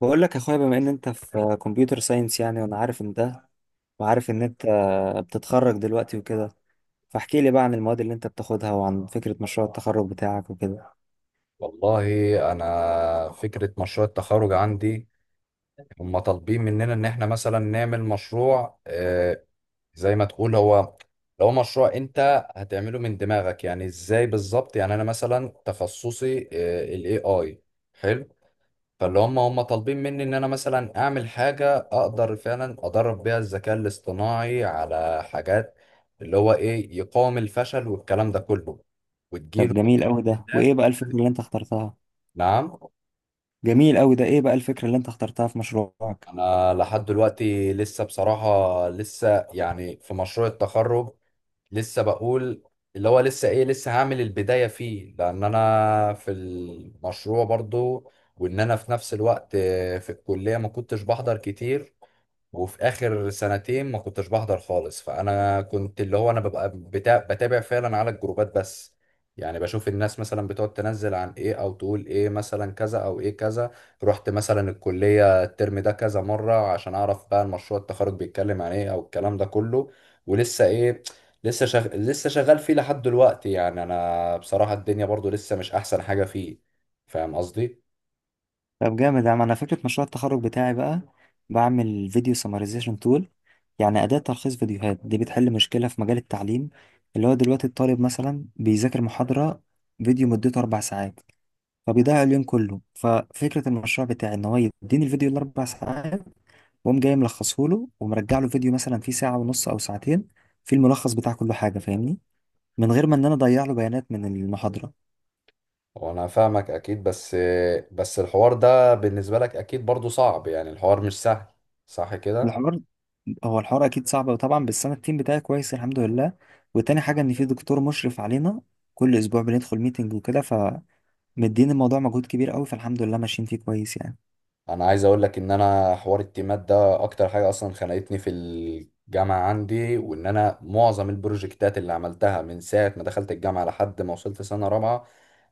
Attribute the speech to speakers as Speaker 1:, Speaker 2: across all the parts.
Speaker 1: بقول لك يا اخويا، بما ان انت في كمبيوتر ساينس، يعني وانا عارف ان ده. وعارف ان انت بتتخرج دلوقتي وكده، فاحكي لي بقى عن المواد اللي انت بتاخدها وعن فكرة مشروع التخرج بتاعك وكده.
Speaker 2: والله انا فكره مشروع التخرج عندي هم طالبين مننا ان احنا مثلا نعمل مشروع زي ما تقول هو لو مشروع انت هتعمله من دماغك يعني ازاي بالظبط. يعني انا مثلا تخصصي الاي اي حلو. فاللي هم طالبين مني ان انا مثلا اعمل حاجه اقدر فعلا ادرب بيها الذكاء الاصطناعي على حاجات اللي هو ايه يقاوم الفشل والكلام ده كله
Speaker 1: طب
Speaker 2: وتجيله
Speaker 1: جميل قوي ده،
Speaker 2: تحديات.
Speaker 1: وايه بقى الفكرة اللي انت اخترتها؟
Speaker 2: نعم.
Speaker 1: جميل قوي ده، ايه بقى الفكرة اللي انت اخترتها في مشروعك؟
Speaker 2: انا لحد دلوقتي لسه بصراحة لسه يعني في مشروع التخرج لسه بقول اللي هو لسه ايه لسه هعمل البداية فيه لان انا في المشروع برضو، وان انا في نفس الوقت في الكلية ما كنتش بحضر كتير، وفي اخر سنتين ما كنتش بحضر خالص. فانا كنت اللي هو انا ببقى بتابع فعلا على الجروبات بس. يعني بشوف الناس مثلا بتقعد تنزل عن ايه او تقول ايه مثلا كذا او ايه كذا. رحت مثلا الكلية الترم ده كذا مرة عشان اعرف بقى المشروع التخرج بيتكلم عن ايه او الكلام ده كله. ولسه ايه، لسه لسه شغال فيه لحد دلوقتي. يعني انا بصراحة الدنيا برضو لسه مش احسن حاجة فيه، فاهم قصدي؟
Speaker 1: طب جامد يا عم. انا فكرة مشروع التخرج بتاعي بقى، بعمل فيديو سمرايزيشن تول، يعني أداة تلخيص فيديوهات. دي بتحل مشكلة في مجال التعليم، اللي هو دلوقتي الطالب مثلا بيذاكر محاضرة، فيديو مدته 4 ساعات، فبيضيع اليوم كله. ففكرة المشروع بتاعي ان هو يديني الفيديو ال4 ساعات، واقوم جاي ملخصه له ومرجع له فيديو مثلا فيه ساعة ونص او ساعتين، فيه الملخص بتاع كل حاجة، فاهمني، من غير ما ان انا اضيع له بيانات من المحاضرة.
Speaker 2: وانا فاهمك اكيد، بس بس الحوار ده بالنسبة لك اكيد برضو صعب. يعني الحوار مش سهل، صح كده؟
Speaker 1: الحوار، هو الحوار اكيد صعب طبعا، بس انا التيم بتاعي كويس الحمد لله. وتاني حاجة ان في دكتور مشرف علينا، كل اسبوع بندخل ميتنج وكده، فمدين. الموضوع مجهود كبير قوي، فالحمد لله ماشيين فيه كويس يعني.
Speaker 2: انا عايز اقول لك ان انا حوار التيمات ده اكتر حاجه اصلا خنقتني في الجامعه عندي، وان انا معظم البروجكتات اللي عملتها من ساعه ما دخلت الجامعه لحد ما وصلت سنه رابعه،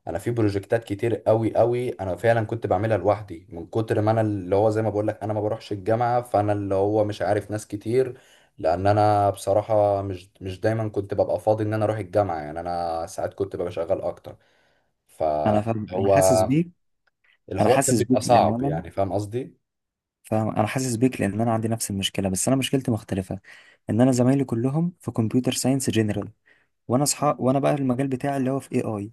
Speaker 2: انا في بروجكتات كتير قوي قوي انا فعلا كنت بعملها لوحدي من كتر ما انا اللي هو زي ما بقول لك انا ما بروحش الجامعه. فانا اللي هو مش عارف ناس كتير لان انا بصراحه مش دايما كنت ببقى فاضي ان انا اروح الجامعه. يعني انا ساعات كنت ببقى شغال اكتر
Speaker 1: انا فاهم، انا حاسس
Speaker 2: فهو
Speaker 1: بيك. انا
Speaker 2: الحوار كان
Speaker 1: حاسس بيك
Speaker 2: بيبقى
Speaker 1: لان
Speaker 2: صعب،
Speaker 1: انا
Speaker 2: يعني فاهم قصدي؟
Speaker 1: فاهم، انا حاسس بيك لان انا عندي نفس المشكله، بس انا مشكلتي مختلفه. ان انا زمايلي كلهم في كمبيوتر ساينس جنرال، وانا اصحى وانا بقى المجال بتاعي اللي هو في اي اي،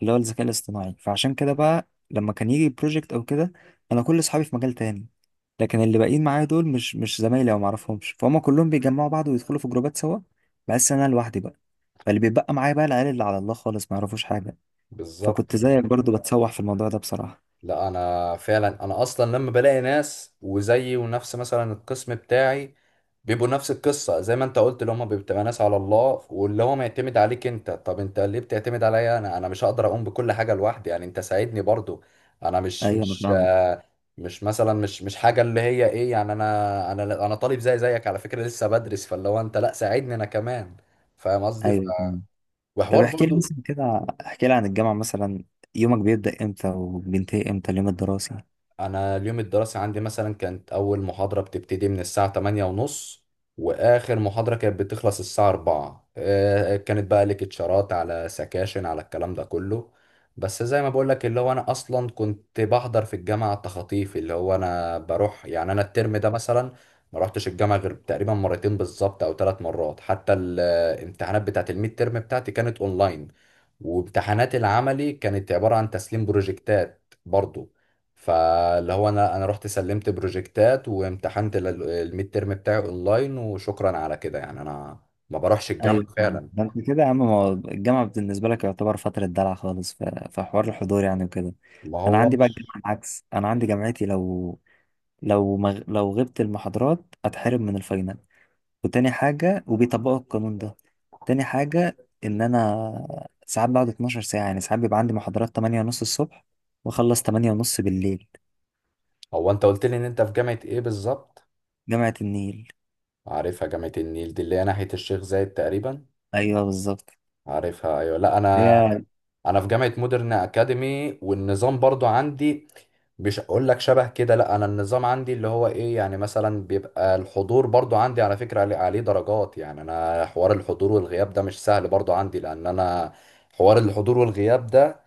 Speaker 1: اللي هو الذكاء الاصطناعي، فعشان كده بقى لما كان يجي بروجكت او كده، انا كل اصحابي في مجال تاني، لكن اللي باقيين معايا دول مش زمايلي او معرفهمش، فهم كلهم بيجمعوا بعض ويدخلوا في جروبات سوا. بحس ان انا لوحدي بقى، فاللي بيتبقى معايا بقى العيال اللي على الله خالص، ما يعرفوش حاجه. فكنت
Speaker 2: بالظبط، اه.
Speaker 1: زيك برضو بتسوح في الموضوع ده بصراحه.
Speaker 2: لا انا فعلا انا اصلا لما بلاقي ناس وزيي ونفس مثلا القسم بتاعي بيبقوا نفس القصه زي ما انت قلت، اللي هم بتبقى ناس على الله واللي هو معتمد عليك انت. طب انت ليه بتعتمد عليا؟ انا انا مش هقدر اقوم بكل حاجه لوحدي، يعني انت ساعدني برضو. انا مش
Speaker 1: ايوه انا
Speaker 2: مش
Speaker 1: فاهمك.
Speaker 2: مش مثلا مش حاجه اللي هي ايه. يعني انا انا طالب زي زيك على فكره، لسه بدرس، فاللي هو انت لا ساعدني انا كمان، فاهم قصدي؟
Speaker 1: ايوه، طب
Speaker 2: وحوار
Speaker 1: احكي لي
Speaker 2: برضو.
Speaker 1: مثلا كده، احكي لي عن الجامعة مثلا. يومك بيبدأ امتى وبينتهي امتى اليوم الدراسي؟
Speaker 2: انا اليوم الدراسي عندي مثلا كانت اول محاضرة بتبتدي من الساعة 8 ونص واخر محاضرة كانت بتخلص الساعة 4، كانت بقى ليكتشرات على سكاشن على الكلام ده كله. بس زي ما بقولك اللي هو انا اصلا كنت بحضر في الجامعة التخاطيف، اللي هو انا بروح يعني انا الترم ده مثلا ما رحتش الجامعة غير تقريبا مرتين بالظبط او ثلاث مرات. حتى الامتحانات بتاعت الميد ترم بتاعتي كانت اونلاين، وامتحانات العملي كانت عبارة عن تسليم بروجكتات برضو. فاللي هو انا رحت سلمت بروجكتات وامتحنت الميد ترم بتاعي اونلاين وشكرا على كده. يعني انا ما بروحش الجامعه
Speaker 1: ايوه فاهم.
Speaker 2: فعلا.
Speaker 1: ده انت كده يا عم، ما هو الجامعة بالنسبة لك يعتبر فترة دلع خالص، في حوار الحضور يعني وكده.
Speaker 2: ما
Speaker 1: انا
Speaker 2: هو
Speaker 1: عندي بقى
Speaker 2: مش.
Speaker 1: الجامعة العكس، انا عندي جامعتي لو غبت المحاضرات اتحرم من الفاينل، وتاني حاجة، وبيطبقوا القانون ده. تاني حاجة، ان انا ساعات بقعد 12 ساعة، يعني ساعات بيبقى عندي محاضرات 8 ونص الصبح واخلص 8 ونص بالليل.
Speaker 2: هو انت قلت لي ان انت في جامعه ايه بالظبط؟
Speaker 1: جامعة النيل.
Speaker 2: عارفها جامعه النيل دي اللي هي ناحيه الشيخ زايد تقريبا.
Speaker 1: ايوه بالظبط.
Speaker 2: عارفها، ايوه. لا انا
Speaker 1: هي،
Speaker 2: انا في جامعه مودرن اكاديمي والنظام برضو عندي مش هقول لك شبه كده. لا انا النظام عندي اللي هو ايه يعني مثلا بيبقى الحضور برضو عندي على فكره عليه درجات. يعني انا حوار الحضور والغياب ده مش سهل برضو عندي لان انا حوار الحضور والغياب ده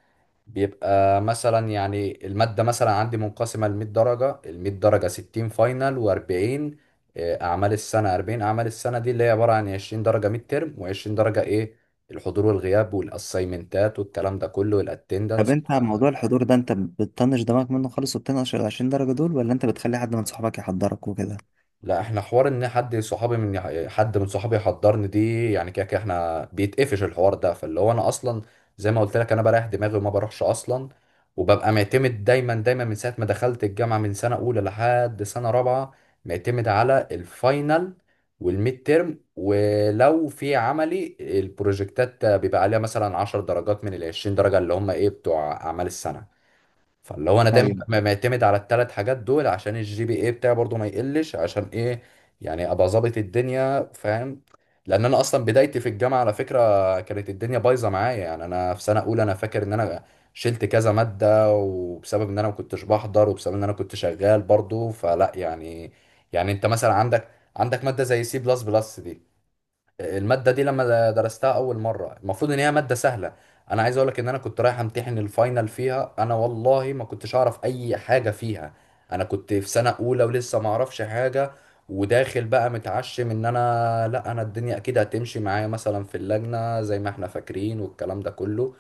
Speaker 2: بيبقى مثلا يعني المادة مثلا عندي منقسمة ل 100 درجة، ال 100 درجة 60 فاينل و40 أعمال السنة. 40 أعمال السنة دي اللي هي عبارة عن 20 درجة ميد ترم و20 درجة إيه، الحضور والغياب والأسايمنتات والكلام ده كله
Speaker 1: طب
Speaker 2: والأتندنس.
Speaker 1: انت على موضوع الحضور ده، انت بتطنش دماغك منه خالص وبتنقش ال 20 درجه دول، ولا انت بتخلي حد من صحابك يحضرك وكده؟
Speaker 2: لا احنا حوار ان حد صحابي من حد من صحابي يحضرني دي يعني كده كده احنا بيتقفش الحوار ده. فاللي هو انا اصلا زي ما قلت لك انا بريح دماغي وما بروحش اصلا. وببقى معتمد دايما دايما من ساعه ما دخلت الجامعه من سنه اولى لحد سنه رابعه معتمد على الفاينل والميد تيرم. ولو في عملي البروجكتات بيبقى عليها مثلا 10 درجات من ال 20 درجه اللي هم ايه بتوع اعمال السنه. فاللي هو انا دايما
Speaker 1: ايوه،
Speaker 2: ببقى معتمد على الثلاث حاجات دول عشان الجي بي اي بتاعي برضو ما يقلش، عشان ايه، يعني ابقى ظابط الدنيا، فاهم؟ لان انا اصلا بدايتي في الجامعه على فكره كانت الدنيا بايظه معايا. يعني انا في سنه اولى انا فاكر ان انا شلت كذا ماده وبسبب ان انا ما كنتش بحضر وبسبب ان انا كنت شغال برضو. فلا يعني يعني انت مثلا عندك عندك ماده زي سي بلس بلس دي، المادة دي لما درستها أول مرة المفروض إن هي مادة سهلة. أنا عايز أقولك إن أنا كنت رايح أمتحن الفاينل فيها أنا والله ما كنتش أعرف أي حاجة فيها. أنا كنت في سنة أولى ولسه ما أعرفش حاجة، وداخل بقى متعشم إن أنا لأ أنا الدنيا أكيد هتمشي معايا مثلا في اللجنة زي ما إحنا فاكرين والكلام ده كله.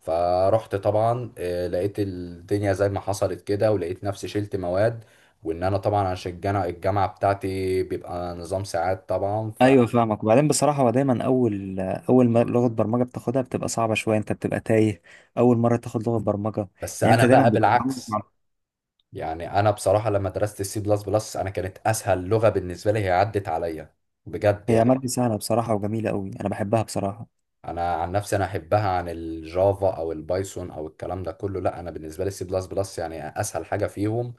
Speaker 2: فرحت طبعا لقيت الدنيا زي ما حصلت كده ولقيت نفسي شلت مواد. وان انا طبعا عشان الجامعه بتاعتي بيبقى نظام ساعات طبعا ف.
Speaker 1: ايوه فاهمك. وبعدين بصراحه، هو دايما اول ما لغه برمجه بتاخدها بتبقى صعبه شويه، انت بتبقى تايه اول مره تاخد لغه برمجه.
Speaker 2: بس
Speaker 1: يعني انت
Speaker 2: انا
Speaker 1: دايما
Speaker 2: بقى
Speaker 1: بتبقى عمرك
Speaker 2: بالعكس.
Speaker 1: ما-
Speaker 2: يعني انا بصراحه لما درست السي بلس بلس انا كانت اسهل لغه بالنسبه لي، هي عدت عليا بجد
Speaker 1: هي ماده
Speaker 2: يعني.
Speaker 1: سهله بصراحه وجميله قوي، انا بحبها بصراحه.
Speaker 2: انا عن نفسي انا احبها عن الجافا او البايثون او الكلام ده كله. لا انا بالنسبه لي السي بلس بلس يعني اسهل حاجه فيهم،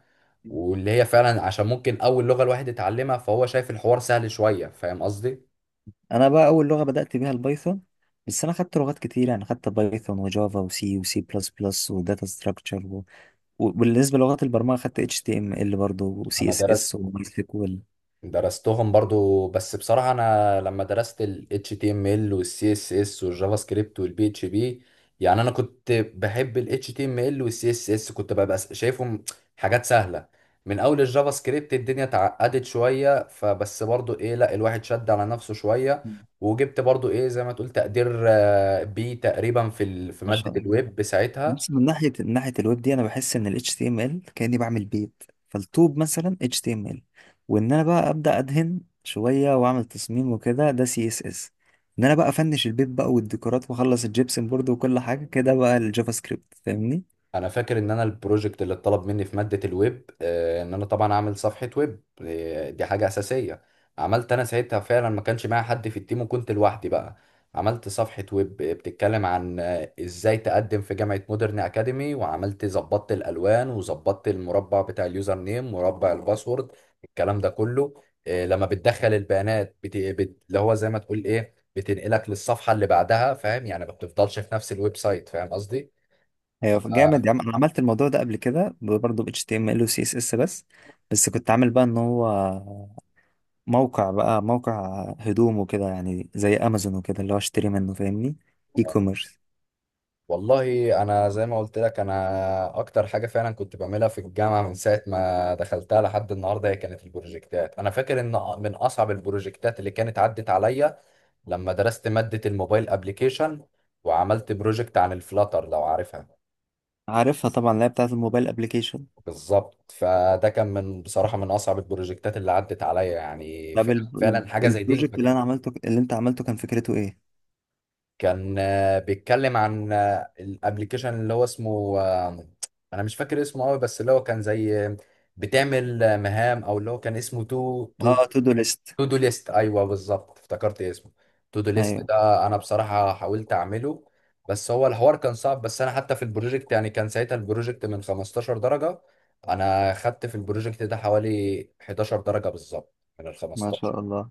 Speaker 2: واللي هي فعلا عشان ممكن اول لغه الواحد يتعلمها فهو شايف الحوار سهل شويه، فاهم قصدي؟
Speaker 1: انا بقى اول لغه بدات بيها البايثون، بس انا خدت لغات كتير، يعني خدت بايثون وجافا وسي وسي بلس بلس وداتا ستراكشر، وبالنسبه للغات البرمجه خدت اتش تي ام ال برضه وسي
Speaker 2: انا
Speaker 1: اس
Speaker 2: درست
Speaker 1: اس وماي سيكوال.
Speaker 2: درستهم برضو، بس بصراحة أنا لما درست ال HTML وال CSS والجافا سكريبت وال PHP، يعني أنا كنت بحب ال HTML وال CSS كنت ببقى شايفهم حاجات سهلة. من أول الجافا سكريبت الدنيا اتعقدت شوية فبس برضو إيه لا الواحد شد على نفسه شوية، وجبت برضو إيه زي ما تقول تقدير بي تقريبا في في
Speaker 1: ما
Speaker 2: مادة
Speaker 1: شاء الله.
Speaker 2: الويب ساعتها.
Speaker 1: بس من ناحيه، من ناحيه الويب دي، انا بحس ان ال HTML كاني بعمل بيت، فالطوب مثلا HTML. وان انا بقى ابدا ادهن شويه واعمل تصميم وكده، ده CSS. ان انا بقى افنش البيت بقى والديكورات واخلص الجبسن بورد وكل حاجه كده، بقى الجافا سكريبت، فاهمني.
Speaker 2: انا فاكر ان انا البروجكت اللي اتطلب مني في ماده الويب ان انا طبعا اعمل صفحه ويب، دي حاجه اساسيه. عملت انا ساعتها فعلا، ما كانش معايا حد في التيم وكنت لوحدي بقى. عملت صفحه ويب بتتكلم عن ازاي تقدم في جامعه مودرن اكاديمي، وعملت ظبطت الالوان وظبطت المربع بتاع اليوزر نيم مربع الباسورد الكلام ده كله. لما بتدخل البيانات اللي هو زي ما تقول ايه بتنقلك للصفحه اللي بعدها، فاهم؟ يعني ما بتفضلش في نفس الويب سايت، فاهم قصدي؟ ف...
Speaker 1: هي جامد يا عم. انا عملت الموضوع ده قبل كده برضه ب HTML و CSS بس. بس كنت عامل بقى ان هو موقع، بقى موقع هدوم وكده يعني، زي امازون وكده، اللي هو اشتري منه، فاهمني؟ اي كوميرس.
Speaker 2: والله انا زي ما قلت لك انا اكتر حاجه فعلا كنت بعملها في الجامعه من ساعه ما دخلتها لحد النهارده هي كانت البروجكتات. انا فاكر ان من اصعب البروجكتات اللي كانت عدت عليا لما درست ماده الموبايل ابليكيشن وعملت بروجكت عن الفلاتر، لو عارفها.
Speaker 1: عارفها طبعا، اللي هي بتاعت الموبايل ابلكيشن.
Speaker 2: بالظبط، فده كان من بصراحه من اصعب البروجكتات اللي عدت عليا يعني
Speaker 1: طب
Speaker 2: فعلا فعلاً حاجه زي دي.
Speaker 1: البروجكت اللي انا عملته، اللي انت عملته، كان فكرته ايه؟
Speaker 2: كان بيتكلم عن الابلكيشن اللي هو اسمه انا مش فاكر اسمه قوي، بس اللي هو كان زي بتعمل مهام او اللي هو كان اسمه تو.
Speaker 1: اه، تو دو ليست.
Speaker 2: تو دو ليست، ايوه بالظبط، افتكرت اسمه تو دو ليست.
Speaker 1: ايوه.
Speaker 2: ده انا بصراحه حاولت اعمله، بس هو الحوار كان صعب. بس انا حتى في البروجكت يعني كان ساعتها البروجكت من 15 درجه، انا خدت في البروجكت ده حوالي 11 درجه بالظبط من ال
Speaker 1: ما
Speaker 2: 15.
Speaker 1: شاء الله.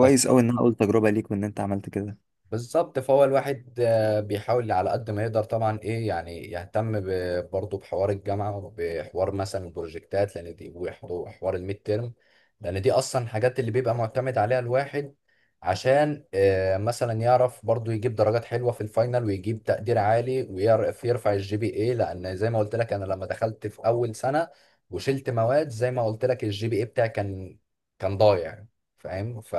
Speaker 2: بس
Speaker 1: قوي ان انا اقول تجربه ليك وان انت عملت كده.
Speaker 2: بالظبط، فهو الواحد بيحاول على قد ما يقدر طبعا ايه، يعني يهتم برضه بحوار الجامعه وبحوار مثلا البروجكتات لان دي وحوار الميد تيرم، لان دي اصلا الحاجات اللي بيبقى معتمد عليها الواحد عشان مثلا يعرف برضه يجيب درجات حلوه في الفاينل ويجيب تقدير عالي ويعرف يرفع الجي بي اي. لان زي ما قلت لك انا لما دخلت في اول سنه وشلت مواد زي ما قلت لك الجي بي اي بتاعي كان كان ضايع، فاهم؟ ف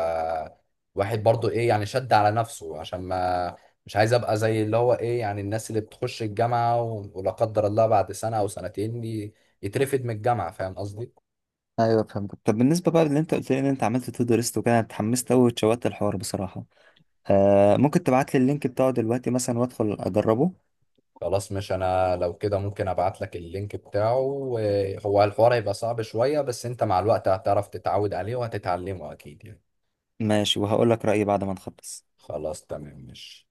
Speaker 2: واحد برضو ايه يعني شد على نفسه عشان ما، مش عايز ابقى زي اللي هو ايه يعني الناس اللي بتخش الجامعة ولا قدر الله بعد سنة او سنتين يترفد من الجامعة، فاهم قصدي؟
Speaker 1: ايوه فهمتك. طب بالنسبه بقى اللي انت قلت لي ان انت عملت تو دو ليست وكده، انا اتحمست قوي واتشوقت الحوار بصراحه. آه، ممكن تبعت لي اللينك بتاعه دلوقتي مثلا وادخل اجربه؟
Speaker 2: خلاص مش انا لو كده ممكن ابعت لك اللينك بتاعه هو الحوار هيبقى صعب شوية بس انت مع الوقت هتعرف تتعود عليه وهتتعلمه اكيد يعني.
Speaker 1: ماشي، وهقول لك رايي بعد ما نخلص.
Speaker 2: خلاص تمام مش